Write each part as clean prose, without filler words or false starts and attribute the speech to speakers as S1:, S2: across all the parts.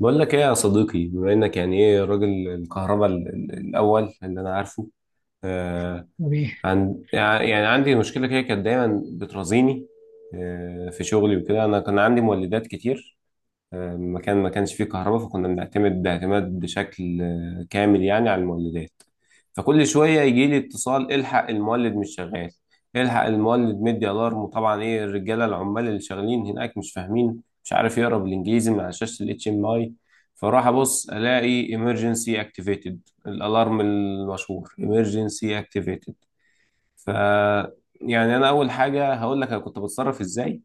S1: بقول لك ايه يا صديقي؟ بما انك يعني ايه راجل الكهرباء الاول اللي انا عارفه. آه.
S2: بيه.
S1: عن يعني عندي مشكله كده، كانت دايما بترازيني في شغلي وكده. انا كان عندي مولدات كتير مكان ما كانش فيه كهرباء، فكنا بنعتمد اعتماد بشكل كامل يعني على المولدات. فكل شوية يجي لي اتصال: الحق المولد مش شغال، الحق المولد مدي الارم. وطبعا ايه الرجالة، العمال اللي شغالين هناك مش فاهمين، مش عارف يقرا بالانجليزي من على شاشة الاتش ام اي. فراح ابص الاقي emergency activated، الالارم المشهور emergency activated. ف يعني انا اول حاجة هقول لك انا كنت بتصرف ازاي.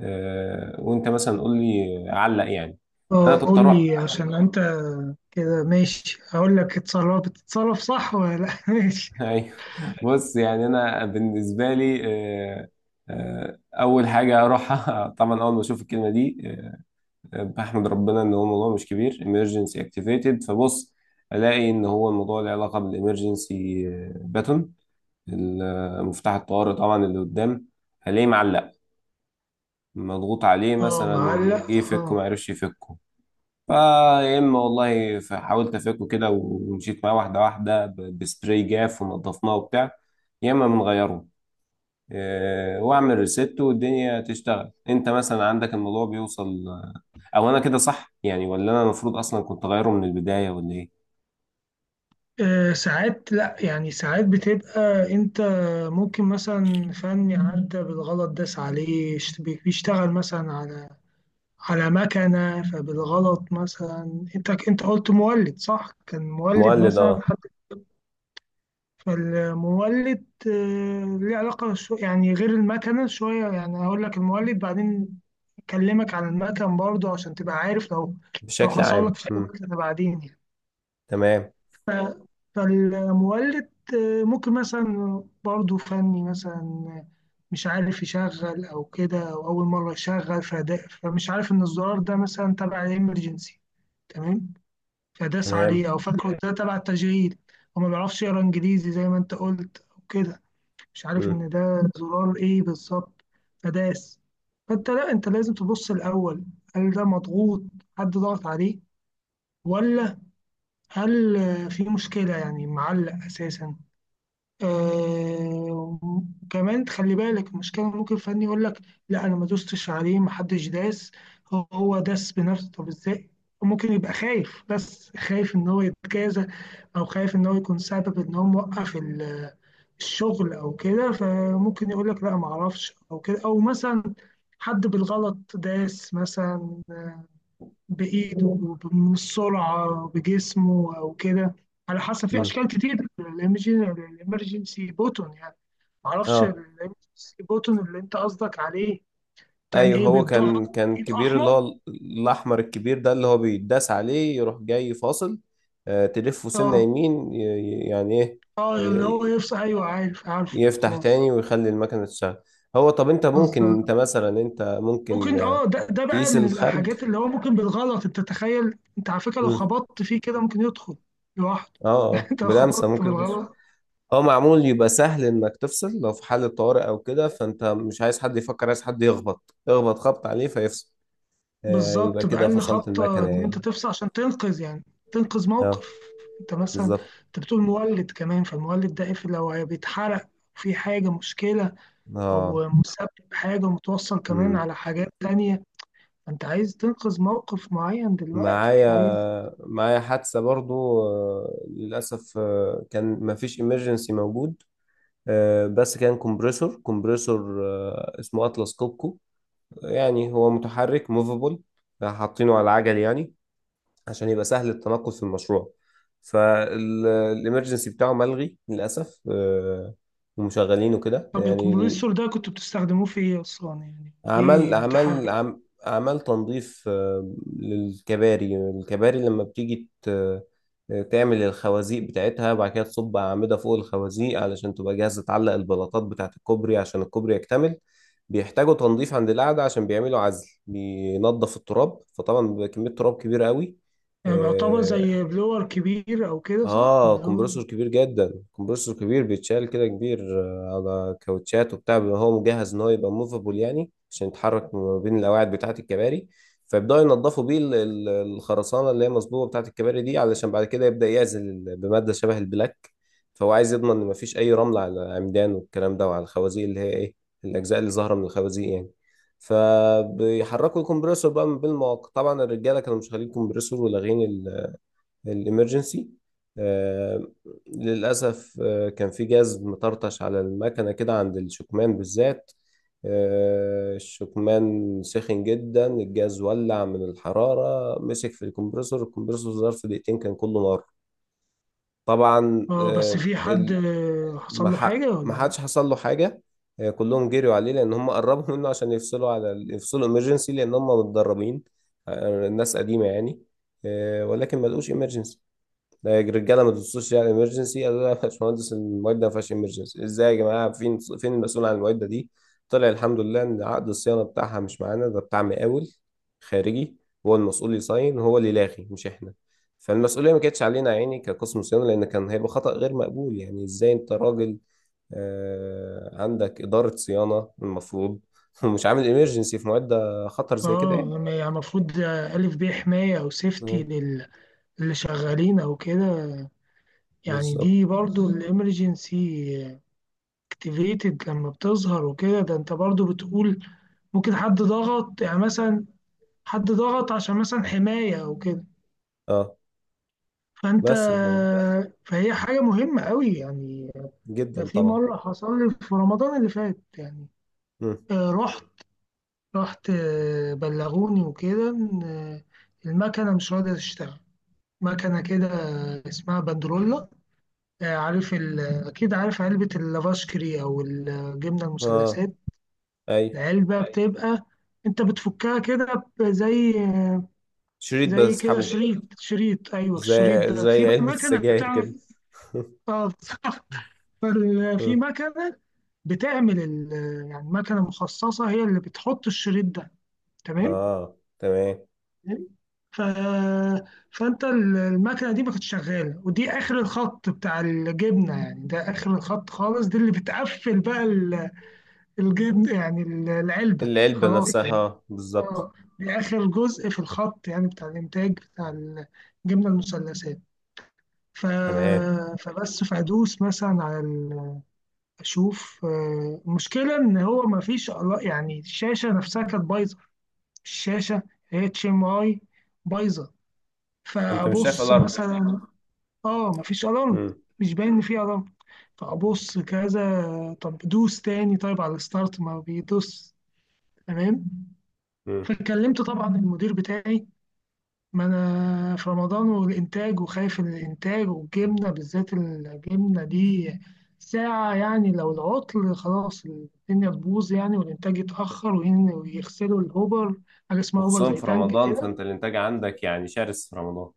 S1: آه، وانت مثلا قول لي علق يعني. انا
S2: اه
S1: كنت
S2: قول
S1: اروح.
S2: لي، عشان انت كده ماشي. هقول لك اتصرف، بتتصرف صح ولا لا؟ ماشي.
S1: ايوه. بص، يعني انا بالنسبه لي، آه، آه، اول حاجه اروحها طبعا اول ما اشوف الكلمه دي، بحمد ربنا ان هو الموضوع مش كبير emergency activated، فبص الاقي ان هو الموضوع له علاقه بالامرجنسي باتون، مفتاح الطوارئ طبعا اللي قدام. هلاقيه معلق مضغوط عليه
S2: اه،
S1: مثلا، وجه
S2: معلق،
S1: يفكه
S2: اه.
S1: ما عرفش يفكه. فيا اما والله حاولت افكه كده ومشيت معاه واحده واحده بسبراي جاف ونضفناه وبتاع، يا اما بنغيره واعمل ريست والدنيا تشتغل. انت مثلا عندك الموضوع بيوصل او انا كده صح يعني، ولا انا المفروض اصلا كنت اغيره من البدايه ولا ايه؟
S2: ساعات لا، يعني ساعات بتبقى انت ممكن مثلا فني عدى بالغلط داس عليه، بيشتغل مثلا على مكنة. فبالغلط مثلا انت قلت مولد، صح؟ كان مولد
S1: مولد،
S2: مثلا.
S1: اه.
S2: فالمولد ليه علاقة، شو يعني غير المكنة شوية. يعني هقول لك المولد بعدين، أكلمك عن المكن برضه عشان تبقى عارف لو
S1: بشكل
S2: حصل
S1: عام.
S2: لك في أي
S1: مم.
S2: مكنة بعدين يعني.
S1: تمام.
S2: ف- فالمولد ممكن مثلا برضه فني مثلا آه، مش عارف يشغل أو كده، أو أول مرة يشغل فده، فمش عارف إن الزرار ده مثلا تبع الإمرجنسي. تمام. فداس
S1: تمام.
S2: عليه أو فاكره ده تبع التشغيل. وما بيعرفش يقرا إنجليزي زي ما أنت قلت وكده، مش عارف
S1: مم.
S2: ان ده زرار ايه بالظبط. فداس. فانت لا، انت لازم تبص الاول، هل ده مضغوط؟ حد ضغط عليه ولا؟ هل في مشكله يعني معلق اساسا؟ آه. كمان تخلي بالك المشكله ممكن فني يقول لك لا، انا ما دوستش عليه، ما حدش داس، هو داس بنفسه. طب ازاي؟ ممكن يبقى خايف، بس خايف ان هو يتجازى، او خايف ان هو يكون سبب ان هو موقف الشغل او كده. فممكن يقول لك لا، ما اعرفش، او كده، او مثلا حد بالغلط داس مثلا بايده من السرعه، بجسمه او كده. على حسب، في
S1: مم.
S2: اشكال كتير الامرجنسي بوتون يعني. ما اعرفش
S1: اه.
S2: الامرجنسي بوتون اللي انت قصدك عليه كان
S1: ايوه،
S2: ايه
S1: هو
S2: بيتضغط.
S1: كان
S2: ايد
S1: كبير، اللي
S2: احمر،
S1: هو الاحمر الكبير ده اللي هو بيتداس عليه يروح جاي فاصل، تلفه سنه
S2: اه.
S1: يمين، يعني ايه،
S2: اه، اللي هو
S1: ي-
S2: يفصل، ايوه، عارف، عارف،
S1: يفتح
S2: خلاص.
S1: تاني ويخلي المكنه تشتغل. هو طب
S2: بالظبط.
S1: انت ممكن
S2: ممكن، اه، ده بقى
S1: تقيس
S2: من
S1: الخرج.
S2: الحاجات اللي هو ممكن بالغلط. انت تتخيل انت، على فكره، لو
S1: مم.
S2: خبطت فيه كده ممكن يدخل لوحده.
S1: اه، اه،
S2: انت لو
S1: بلمسه
S2: خبطت
S1: ممكن يخش.
S2: بالغلط،
S1: هو معمول يبقى سهل انك تفصل لو في حالة طوارئ او كده، فانت مش عايز حد يفكر، عايز حد يخبط اخبط خبط عليه فيفصل. يبقى
S2: بالظبط،
S1: كده
S2: بأقل
S1: فصلت
S2: خبطه
S1: المكنه
S2: ان
S1: يعني.
S2: انت تفصل عشان تنقذ يعني. تنقذ
S1: اه.
S2: موقف. انت مثلا،
S1: بالظبط.
S2: انت بتقول مولد كمان. فالمولد ده إيه؟ بيتحرق؟ في حاجه مشكله؟
S1: اه.
S2: او مسبب حاجه متوصل كمان
S1: مم.
S2: على حاجات تانية؟ فانت عايز تنقذ موقف معين دلوقتي، عايز.
S1: معايا معايا حادثة برضو آه، للأسف كان مفيش إمرجنسي موجود. بس كان كومبريسور اسمه أطلس كوبكو. يعني هو متحرك موفابل، حاطينه على العجل يعني، عشان يبقى سهل التنقل في المشروع. فالإمرجنسي بتاعه ملغي للأسف، ومشغلينه كده
S2: طب
S1: يعني.
S2: الكمبريسور ده كنتوا بتستخدموه في ايه اصلا؟ يعني
S1: أعمال
S2: ليه
S1: أعمال
S2: متحرك؟
S1: أعم- أعمال تنظيف الكباري، لما بتيجي تعمل الخوازيق بتاعتها، وبعد كده تصب أعمدة فوق الخوازيق علشان تبقى جاهزة تعلق البلاطات بتاعة الكوبري عشان الكوبري يكتمل. بيحتاجوا تنظيف عند القعدة عشان بيعملوا عزل، بينظف التراب، فطبعا بيبقى كمية تراب كبيرة قوي.
S2: يعني بيعتبر زي بلور كبير أو كده، صح؟
S1: اه،
S2: بلور.
S1: كومبرسور كبير جدا، كومبرسور كبير بيتشال كده كبير على كاوتشات وبتاع، بيبقى هو مجهز ان هو يبقى موفابل يعني عشان يتحرك ما بين القواعد بتاعه الكباري. فيبداوا ينضفوا بيه الخرسانه اللي هي مصبوبه بتاعه الكباري دي، علشان بعد كده يبدا يعزل بماده شبه البلاك. فهو عايز يضمن ان مفيش اي رمل على العمدان والكلام ده وعلى الخوازيق، اللي هي ايه، الاجزاء اللي ظاهره من الخوازيق يعني. فبيحركوا الكمبرسور بقى من بين المواقع. طبعا الرجاله كانوا مشغلين الكمبرسور ولاغين الإمرجنسي. آه، للأسف كان في جاز مطرطش على المكنة كده عند الشكمان بالذات. الشكمان سخن جدا، الجاز ولع من الحرارة مسك في الكمبرسور. الكمبرسور ظرف دقيقتين كان كله نار. طبعا
S2: اه، بس في حد حصل له حاجة
S1: ما
S2: ولا إيه؟
S1: حدش حصل له حاجة. كلهم جريوا عليه لأن هم قربوا منه عشان يفصلوا يفصلوا إمرجنسي، لأن هم متدربين الناس قديمة يعني. ولكن ما لقوش إمرجنسي. ده الرجاله ما تبصوش يعني ايمرجنسي، قالوا لا يا باشمهندس المواد ده ما فيهاش ايمرجنسي. ازاي يا جماعه؟ فين فين المسؤول عن المواد دي؟ طلع الحمد لله ان عقد الصيانه بتاعها مش معانا، ده بتاع مقاول خارجي. هو المسؤول يصين، هو اللي لاغي مش احنا. فالمسؤوليه ما كانتش علينا يا عيني كقسم صيانه، لان كان هيبقى خطا غير مقبول. يعني ازاي انت راجل عندك اداره صيانه المفروض، ومش عامل ايمرجنسي في مواد خطر زي كده
S2: اه،
S1: يعني.
S2: يعني المفروض ألف بيه حماية أو سيفتي
S1: آه،
S2: للي شغالين أو كده. يعني
S1: بالظبط.
S2: دي برضو الإمرجنسي اكتيفيتد، لما بتظهر وكده، ده أنت برضو بتقول ممكن حد ضغط يعني مثلا، حد ضغط عشان مثلا حماية أو كده.
S1: اه،
S2: فأنت،
S1: بس
S2: فهي حاجة مهمة قوي يعني. ده
S1: جدا
S2: في
S1: طبعا.
S2: مرة حصل لي في رمضان اللي فات يعني.
S1: مم.
S2: آه، رحت رحت بلغوني وكده إن، المكنة مش راضية تشتغل. مكنة كده اسمها بندرولا. عارف ال... أكيد، عارف علبة اللافاشكري أو الجبنة
S1: اه.
S2: المثلثات؟
S1: اي.
S2: العلبة، أيوة. بتبقى أنت بتفكها كده، زي
S1: شريط
S2: زي كده،
S1: بسحبه.
S2: شريط، شريط، أيوه. الشريط
S1: زي
S2: ده في
S1: زي
S2: بقى
S1: علبة
S2: مكنة
S1: السجاير
S2: بتعمل،
S1: كده.
S2: بالظبط. في مكنة بتعمل، ال... يعني مكنة مخصصة هي اللي بتحط الشريط ده. تمام.
S1: اه، تمام.
S2: ف... فانت المكنه دي ما كانتش شغاله، ودي اخر الخط بتاع الجبنه يعني. ده اخر الخط خالص، دي اللي بتقفل بقى الجبن يعني، العلبه
S1: العلبة
S2: خلاص
S1: نفسها،
S2: يعني.
S1: بالظبط.
S2: اه، دي اخر جزء في الخط يعني، بتاع الانتاج بتاع الجبنه المثلثات. ف...
S1: تمام.
S2: فبس، فادوس مثلا على ال... اشوف المشكله ان هو ما فيش، يعني الشاشه نفسها كانت بايظه. الشاشه اتش ام اي بايظه.
S1: فانت مش شايف
S2: فابص
S1: الارم.
S2: مثلا، اه، مفيش الارم.
S1: مم.
S2: مش باين ان في الارم. فابص كذا، طب دوس تاني طيب على الستارت، ما بيدوس. تمام.
S1: مم.
S2: فكلمت طبعا المدير بتاعي، ما انا في رمضان، والانتاج، وخايف من الانتاج، والجبنه بالذات الجبنه دي ساعه يعني، لو العطل خلاص الدنيا تبوظ يعني، والانتاج يتاخر، ويغسلوا الهوبر، حاجه اسمها هوبر
S1: وخصوصا
S2: زي
S1: في
S2: تانك
S1: رمضان، فانت
S2: كده.
S1: الانتاج عندك يعني شرس في رمضان.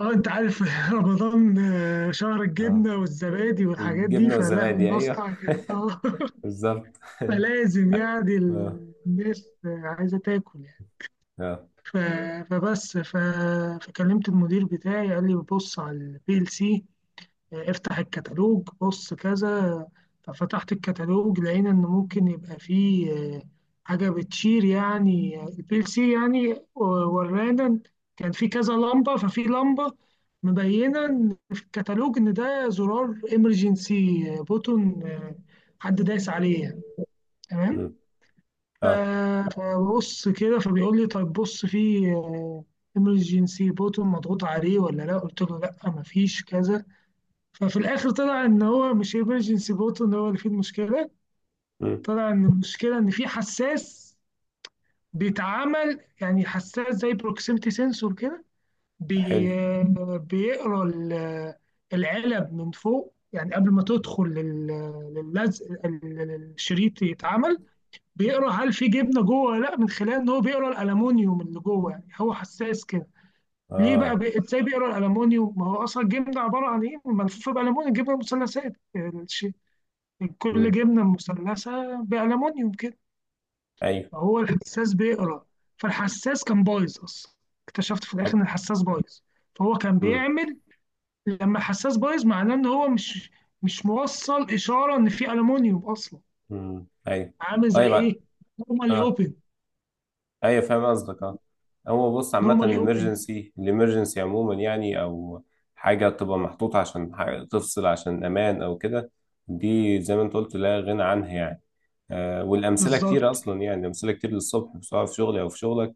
S2: اه، انت عارف، رمضان شهر
S1: اه،
S2: الجبنه والزبادي والحاجات دي،
S1: والجبنة
S2: فلا
S1: والزبادي، ايوه.
S2: المصنع كان اه،
S1: بالظبط
S2: فلازم يعني
S1: اه.
S2: الناس عايزه تاكل يعني.
S1: اه.
S2: ف- فبس، فكلمت المدير بتاعي، قال لي بص على البي ال سي، يعني افتح الكتالوج بص كذا. ففتحت الكتالوج، لقينا ان ممكن يبقى فيه حاجه بتشير يعني البي ال سي، يعني ورانا إن كان في كذا لمبه، ففي لمبه مبينه إن في الكتالوج ان ده زرار امرجنسي بوتون، حد دايس عليه يعني. تمام.
S1: مم.
S2: ف-
S1: اه.
S2: فبص كده، فبيقول لي طيب بص في امرجنسي بوتون مضغوط عليه ولا لا؟ قلت له لا، مفيش كذا. ففي الاخر طلع ان هو مش ايمرجنسي بوتو ان هو اللي فيه المشكله.
S1: مم.
S2: طلع ان المشكله ان في حساس بيتعمل، يعني حساس زي بروكسيمتي سنسور كده. بي،
S1: حلو.
S2: بيقرا العلب من فوق يعني، قبل ما تدخل للزق الشريط يتعمل. بيقرا هل في جبنه جوه ولا لا، من خلال ان هو بيقرا الالومنيوم اللي جوه. يعني هو حساس كده. ليه بقى
S1: اه.
S2: بي، ازاي بيقرا الالومنيوم؟ ما هو اصلا الجبنه عباره عن ايه، ملفوفه بالالومنيوم. الجبنه مثلثات، من كل
S1: مم.
S2: جبنة مثلثة بألمونيوم كده.
S1: ايوه.
S2: فهو الحساس بيقرا. فالحساس كان بايظ أصلا، اكتشفت في الآخر
S1: طب.
S2: إن الحساس بايظ. فهو كان
S1: مم.
S2: بيعمل، لما الحساس بايظ معناه إن هو مش موصل إشارة إن في ألمونيوم أصلا.
S1: مم. ايوه.
S2: عامل زي
S1: طيب.
S2: إيه؟ نورمالي
S1: اه.
S2: أوبن.
S1: ايوه، فاهم قصدك، اه. هو بص، عامة
S2: نورمالي أوبن،
S1: الامرجنسي عموما يعني، او حاجة تبقى محطوطة عشان تفصل عشان امان او كده. دي زي ما انت قلت لا غنى عنها يعني. والامثلة كتير
S2: بالظبط.
S1: اصلا يعني، امثلة كتير للصبح، سواء في شغلي او في شغلك.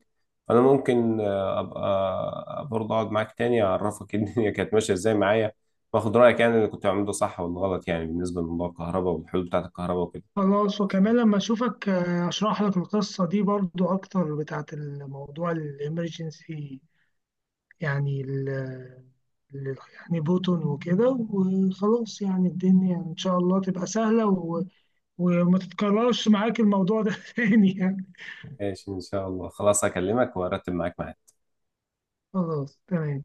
S1: فانا ممكن ابقى برضه اقعد معاك تاني، اعرفك إيه الدنيا كانت ماشية ازاي معايا، واخد رأيك يعني اللي كنت بعمله ده صح ولا غلط يعني، بالنسبة لموضوع الكهرباء والحلول بتاعت الكهرباء وكده.
S2: خلاص، وكمان لما أشوفك أشرح لك القصة دي برضو أكتر، بتاعت الموضوع الإمرجنسي يعني، يعني بوتون وكده. وخلاص يعني الدنيا يعني إن شاء الله تبقى سهلة، و... وما تتكررش معاك الموضوع ده تاني يعني.
S1: ماشي، ان شاء الله، خلاص هكلمك وارتب معاك معايا.
S2: خلاص، تمام.